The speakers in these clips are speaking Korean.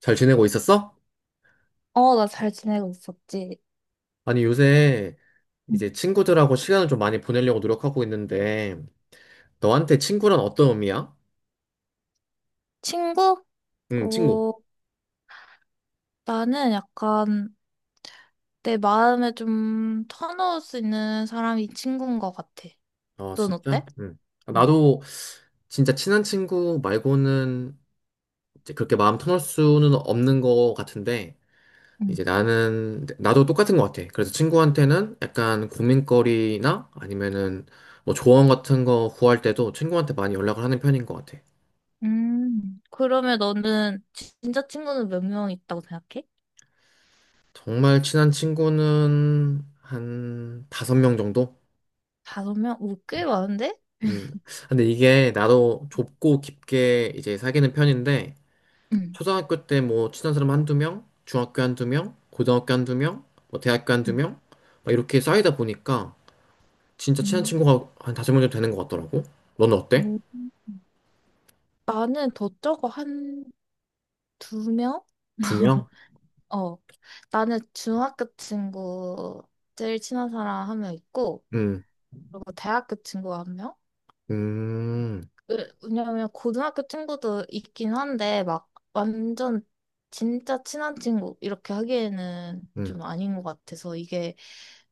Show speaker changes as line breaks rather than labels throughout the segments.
잘 지내고 있었어?
어, 나 잘 지내고 있었지.
아니, 요새
응.
이제 친구들하고 시간을 좀 많이 보내려고 노력하고 있는데, 너한테 친구란 어떤 의미야?
친구?
응, 친구.
어, 나는 약간 내 마음에 좀 터놓을 수 있는 사람이 친구인 것 같아.
아,
넌
진짜?
어때?
응. 아,
응.
나도 진짜 친한 친구 말고는 이제 그렇게 마음 터널 수는 없는 것 같은데,
응.
나도 똑같은 것 같아. 그래서 친구한테는 약간 고민거리나 아니면은 뭐 조언 같은 거 구할 때도 친구한테 많이 연락을 하는 편인 것 같아.
그러면 너는 진짜 친구는 몇 명 있다고 생각해?
정말 친한 친구는 한 다섯 명 정도?
다섯 명? 오, 꽤 많은데?
음. 근데 이게 나도 좁고 깊게 이제 사귀는 편인데,
응.
초등학교 때 뭐 친한 사람 한두 명, 중학교 한두 명, 고등학교 한두 명, 뭐 대학교 한두
응.
명, 막 이렇게 쌓이다 보니까 진짜 친한
음.
친구가 한 다섯 명 정도 되는 것 같더라고. 너는 어때?
음. 나는 더 적어, 한 두 명?
두 명?
어. 나는 중학교 친구 제일 친한 사람 한 명 있고,
음,
그리고 대학교 친구가 한 명?
음,
왜냐면 고등학교 친구도 있긴 한데 막 완전 진짜 친한 친구 이렇게 하기에는
음.
좀 아닌 것 같아서 이게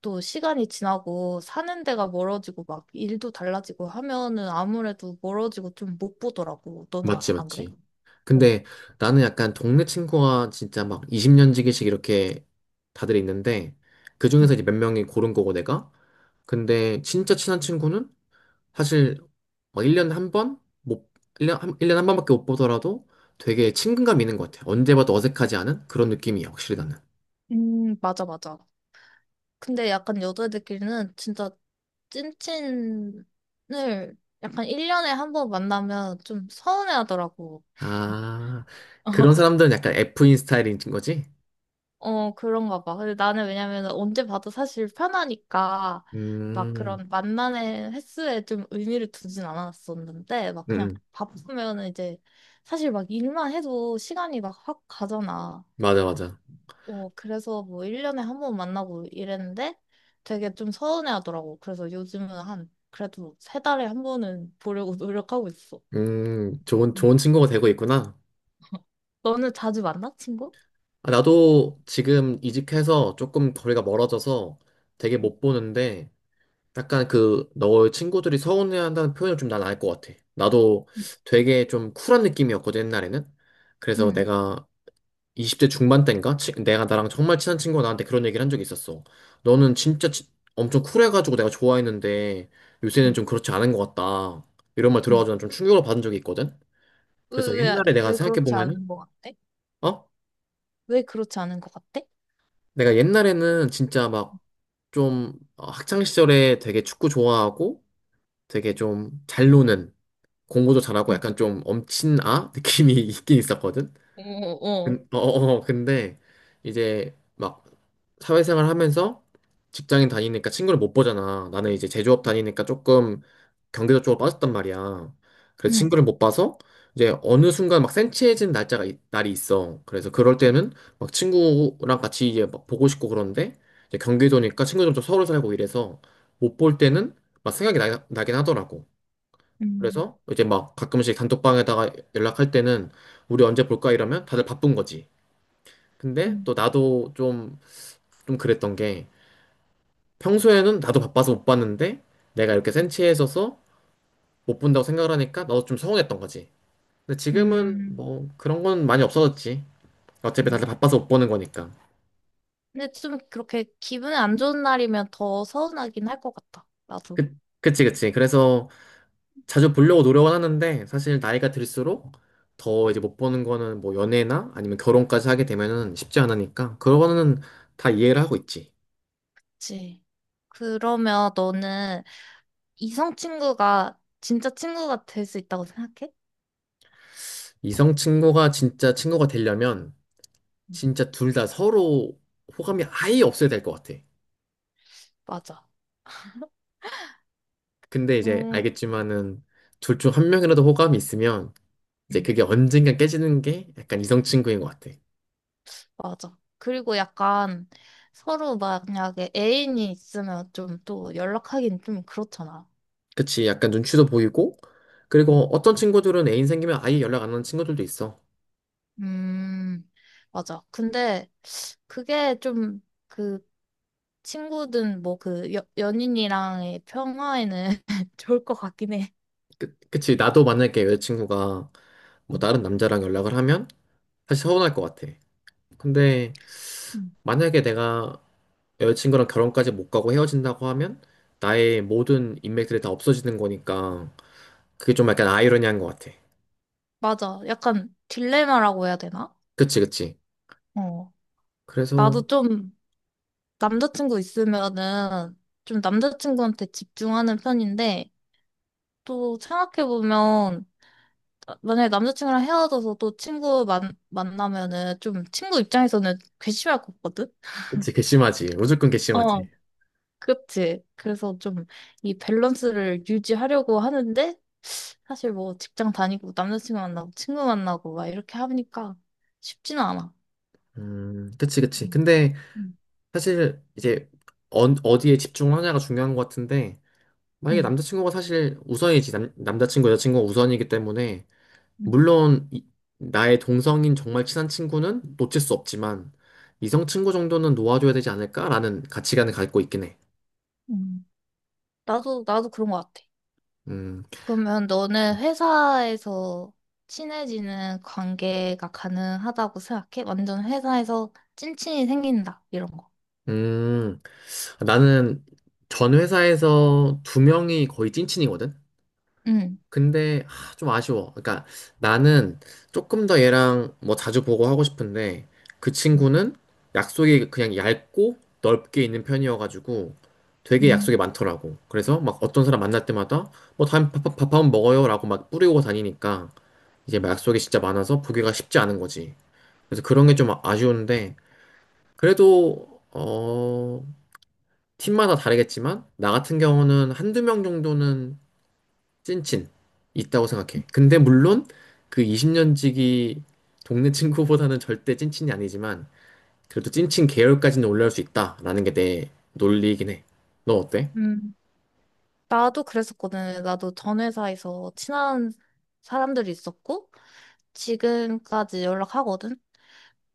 또 시간이 지나고 사는 데가 멀어지고 막 일도 달라지고 하면은 아무래도 멀어지고 좀 못 보더라고. 너는
맞지,
안 그래?
맞지.
어.
근데 나는 약간 동네 친구가 진짜 막 20년 지기씩 이렇게 다들 있는데, 그
음,
중에서 이제 몇 명이 고른 거고 내가? 근데 진짜 친한 친구는 사실 막 1년에 한 번? 못, 1년, 한, 년에 한 번밖에 못 보더라도 되게 친근감 있는 것 같아. 언제 봐도 어색하지 않은 그런 느낌이야, 확실히 나는.
맞아, 맞아. 근데 약간 여자애들끼리는 진짜 찐친을 약간 1년에 한 번 만나면 좀 서운해하더라고.
아, 그런 사람들은 약간 F인 스타일인 거지?
어, 그런가 봐. 근데 나는 왜냐면 언제 봐도 사실 편하니까 막
음,
그런 만남의 횟수에 좀 의미를 두진 않았었는데 막
음,
그냥
음.
바쁘면은 이제 사실 막 일만 해도 시간이 막 확 가잖아.
맞아, 맞아.
어, 그래서 뭐 1년에 한 번 만나고 이랬는데 되게 좀 서운해 하더라고. 그래서 요즘은 한 그래도 세 달에 한 번은 보려고 노력하고 있어.
좋은,
음,
좋은 친구가 되고 있구나.
너는 자주 만나, 친구?
아, 나도 지금 이직해서 조금 거리가 멀어져서 되게
응.
못 보는데, 약간 그 너의 친구들이 서운해한다는 표현을 좀 난 알 것 같아. 나도 되게 좀 쿨한 느낌이었거든 옛날에는.
응.
그래서 내가 20대 중반 때인가? 내가 나랑 정말 친한 친구가 나한테 그런 얘기를 한 적이 있었어. 너는 진짜 엄청 쿨해가지고 내가 좋아했는데 요새는
응.
좀 그렇지 않은 것 같다. 이런 말 들어가지고 난 좀 충격을 받은 적이 있거든.
왜,
그래서 옛날에 내가
왜 그렇지 않은
생각해보면은
것 같아?
어?
왜 그렇지 않은 것 같아?
내가 옛날에는 진짜 막 좀 학창 시절에 되게 축구 좋아하고 되게 좀 잘 노는 공부도 잘하고
응.
약간 좀 엄친 아 느낌이 있긴 있었거든.
어, 어.
근, 어, 어, 어, 근데 이제 막 사회생활 하면서 직장인 다니니까 친구를 못 보잖아. 나는 이제 제조업 다니니까 조금 경제적 쪽으로 빠졌단 말이야. 그래서
응.
친구를 못 봐서 이제 어느 순간 막 센치해진 날이 있어. 그래서 그럴 때는 막 친구랑 같이 이제 막 보고 싶고 그런데 이제 경기도니까 친구들도 서울 살고 이래서 못 볼 때는 막 생각이 나긴 하더라고.
음,
그래서 이제 막 가끔씩 단톡방에다가 연락할 때는 우리 언제 볼까 이러면 다들 바쁜 거지. 근데
음,
또 나도 좀 그랬던 게 평소에는 나도 바빠서 못 봤는데 내가 이렇게 센
음,
치해 있어서 못 본다고 생각을 하니까 나도 좀 서운했던 거지. 근데 지금은
음,
뭐 그런 건 많이 없어졌지. 어차피
음.
다들 바빠서 못 보는 거니까.
근데 좀 그렇게 기분이 안 좋은 날이면 더 서운하긴 할 것 같다. 나도.
그, 그치, 그치. 그래서 자주 보려고 노력은 하는데 사실 나이가 들수록 더 이제 못 보는 거는 뭐 연애나 아니면 결혼까지 하게 되면은 쉽지 않으니까 그거는 다 이해를 하고 있지.
그치. 그러면 너는 이성 친구가 진짜 친구가 될 수 있다고 생각해?
이성 친구가 진짜 친구가 되려면
응.
진짜 둘 다 서로 호감이 아예 없어야 될 것 같아.
맞아.
근데 이제
음,
알겠지만은 둘 중 한 명이라도 호감이 있으면 이제
응.
그게 언젠가 깨지는 게 약간 이성 친구인 것 같아.
맞아. 그리고 약간 서로 만약에 애인이 있으면 좀 또 연락하긴 좀 그렇잖아.
그치? 약간 눈치도 보이고 그리고 어떤 친구들은 애인 생기면 아예 연락 안 하는 친구들도 있어.
음, 맞아. 근데 그게 좀 그 친구든 뭐 그 연인이랑의 평화에는 좋을 것 같긴 해.
그치 나도 만약에 여자친구가 뭐
음,
다른 남자랑 연락을 하면 사실 서운할 것 같아. 근데
음.
만약에 내가 여자친구랑 결혼까지 못 가고 헤어진다고 하면 나의 모든 인맥들이 다 없어지는 거니까 그게 좀 약간 아이러니한 것 같아.
맞아. 약간 딜레마라고 해야 되나?
그치, 그치.
어.
그래서,
나도 좀 남자친구 있으면은 좀 남자친구한테 집중하는 편인데 또 생각해보면 만약에 남자친구랑 헤어져서 또 친구 만나면은 좀 친구 입장에서는 괘씸할 것 같거든?
그치, 괘씸하지. 무조건 괘씸하지.
어. 그치. 그래서 좀 이 밸런스를 유지하려고 하는데, 사실 뭐 직장 다니고 남자친구 만나고 친구 만나고 막 이렇게 하니까 쉽지는 않아.
그치, 그치.
음,
근데
응,
사실 이제 어, 어디에 집중하냐가 중요한 것 같은데 만약에
응,
남자친구가 사실 우선이지 남자친구, 여자친구가 우선이기 때문에
응.
물론 나의 동성인 정말 친한 친구는 놓칠 수 없지만 이성 친구 정도는 놓아줘야 되지 않을까라는 가치관을 갖고 있긴 해.
응. 응. 나도, 나도 그런 것 같아.
음,
그러면 너는 회사에서 친해지는 관계가 가능하다고 생각해? 완전 회사에서 찐친이 생긴다, 이런 거.
음, 나는 전 회사에서 두 명이 거의 찐친이거든.
응.
근데 아, 좀 아쉬워. 그러니까 나는 조금 더 얘랑 뭐 자주 보고 하고 싶은데 그
음.
친구는 약속이 그냥 얇고 넓게 있는 편이어가지고 되게 약속이 많더라고. 그래서 막 어떤 사람 만날 때마다 뭐 다음 밥, 밥, 밥 한번 먹어요라고 막 뿌리고 다니니까 이제 막 약속이 진짜 많아서 보기가 쉽지 않은 거지. 그래서 그런 게 좀 아쉬운데 그래도 어 팀마다 다르겠지만 나 같은 경우는 한두 명 정도는 찐친 있다고 생각해. 근데 물론 그 20년지기 동네 친구보다는 절대 찐친이 아니지만 그래도 찐친 계열까지는 올라올 수 있다라는 게 내 논리이긴 해. 너 어때?
음. 나도 그랬었거든. 나도 전 회사에서 친한 사람들이 있었고, 지금까지 연락하거든.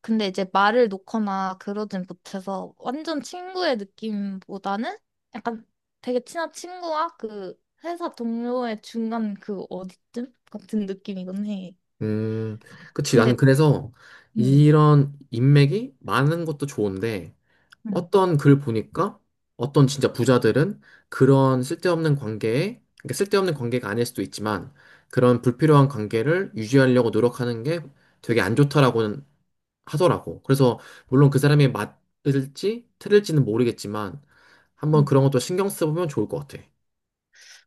근데 이제 말을 놓거나 그러진 못해서 완전 친구의 느낌보다는 약간 되게 친한 친구와 그 회사 동료의 중간 그 어디쯤 같은 느낌이긴 해.
음, 그치. 나는
근데
그래서
음,
이런 인맥이 많은 것도 좋은데
음,
어떤 글 보니까 어떤 진짜 부자들은 그런 쓸데없는 관계에, 그러니까 쓸데없는 관계가 아닐 수도 있지만 그런 불필요한 관계를 유지하려고 노력하는 게 되게 안 좋다라고는 하더라고. 그래서 물론 그 사람이 맞을지 틀릴지는 모르겠지만 한번
음.
그런 것도 신경 써보면 좋을 것 같아.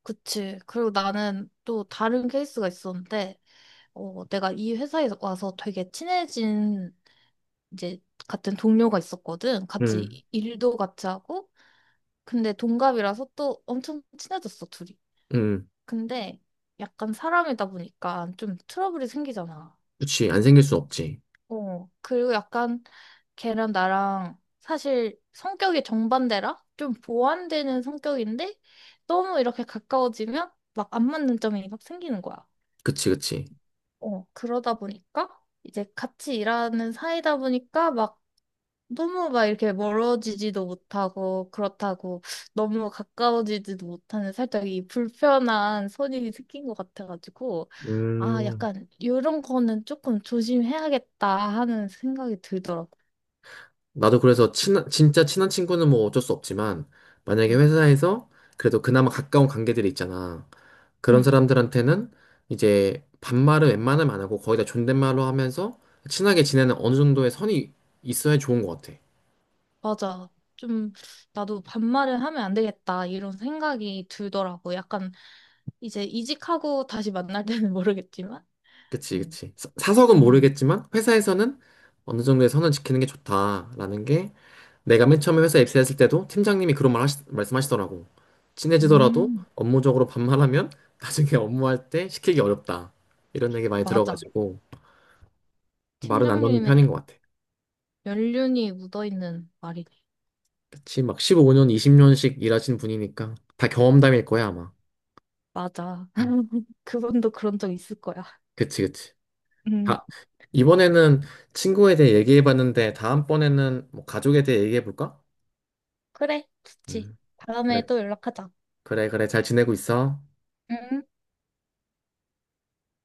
그치. 그리고 나는 또 다른 케이스가 있었는데, 어, 내가 이 회사에 와서 되게 친해진 이제 같은 동료가 있었거든.
음,
같이 일도 같이 하고. 근데 동갑이라서 또 엄청 친해졌어, 둘이.
음,
근데 약간 사람이다 보니까 좀 트러블이 생기잖아.
그치. 안 생길 순 없지.
어. 그리고 약간 걔랑 나랑 사실 성격이 정반대라? 좀 보완되는 성격인데 너무 이렇게 가까워지면 막 안 맞는 점이 막 생기는 거야.
그치, 그치.
어. 그러다 보니까 이제 같이 일하는 사이다 보니까 막 너무 막 이렇게 멀어지지도 못하고, 그렇다고 너무 가까워지지도 못하는 살짝 이 불편한 선이 생긴 것 같아가지고, 아,
음,
약간 이런 거는 조금 조심해야겠다 하는 생각이 들더라고.
나도 그래서 친한, 진짜 친한 친구는 뭐 어쩔 수 없지만 만약에
음.
회사에서 그래도 그나마 가까운 관계들이 있잖아. 그런
응,
사람들한테는 이제 반말을 웬만하면 안 하고 거의 다 존댓말로 하면서 친하게 지내는 어느 정도의 선이 있어야 좋은 것 같아.
맞아. 좀 나도 반말을 하면 안 되겠다 이런 생각이 들더라고. 약간 이제 이직하고 다시 만날 때는 모르겠지만.
그치,
음.
그치. 사석은
음,
모르겠지만 회사에서는 어느 정도의 선을 지키는 게 좋다라는 게 내가 맨 처음에 회사 입사했을 때도 팀장님이 그런 말씀하시더라고. 친해지더라도
음,
업무적으로 반말하면 나중에 업무할 때 시키기 어렵다. 이런 얘기 많이
맞아.
들어가지고 말은 안 놓는 편인 것
팀장님의
같아.
연륜이 묻어있는 말이네.
그치, 막 15년, 20년씩 일하신 분이니까 다 경험담일 거야, 아마.
맞아.
음.
그분도 그런 적 있을 거야.
그치, 그치.
음,
아, 이번에는 친구에 대해 얘기해봤는데 다음번에는 뭐 가족에 대해 얘기해볼까?
그래, 좋지.
음.
다음에
그래.
또 연락하자.
그래, 그래. 잘 지내고 있어?
음.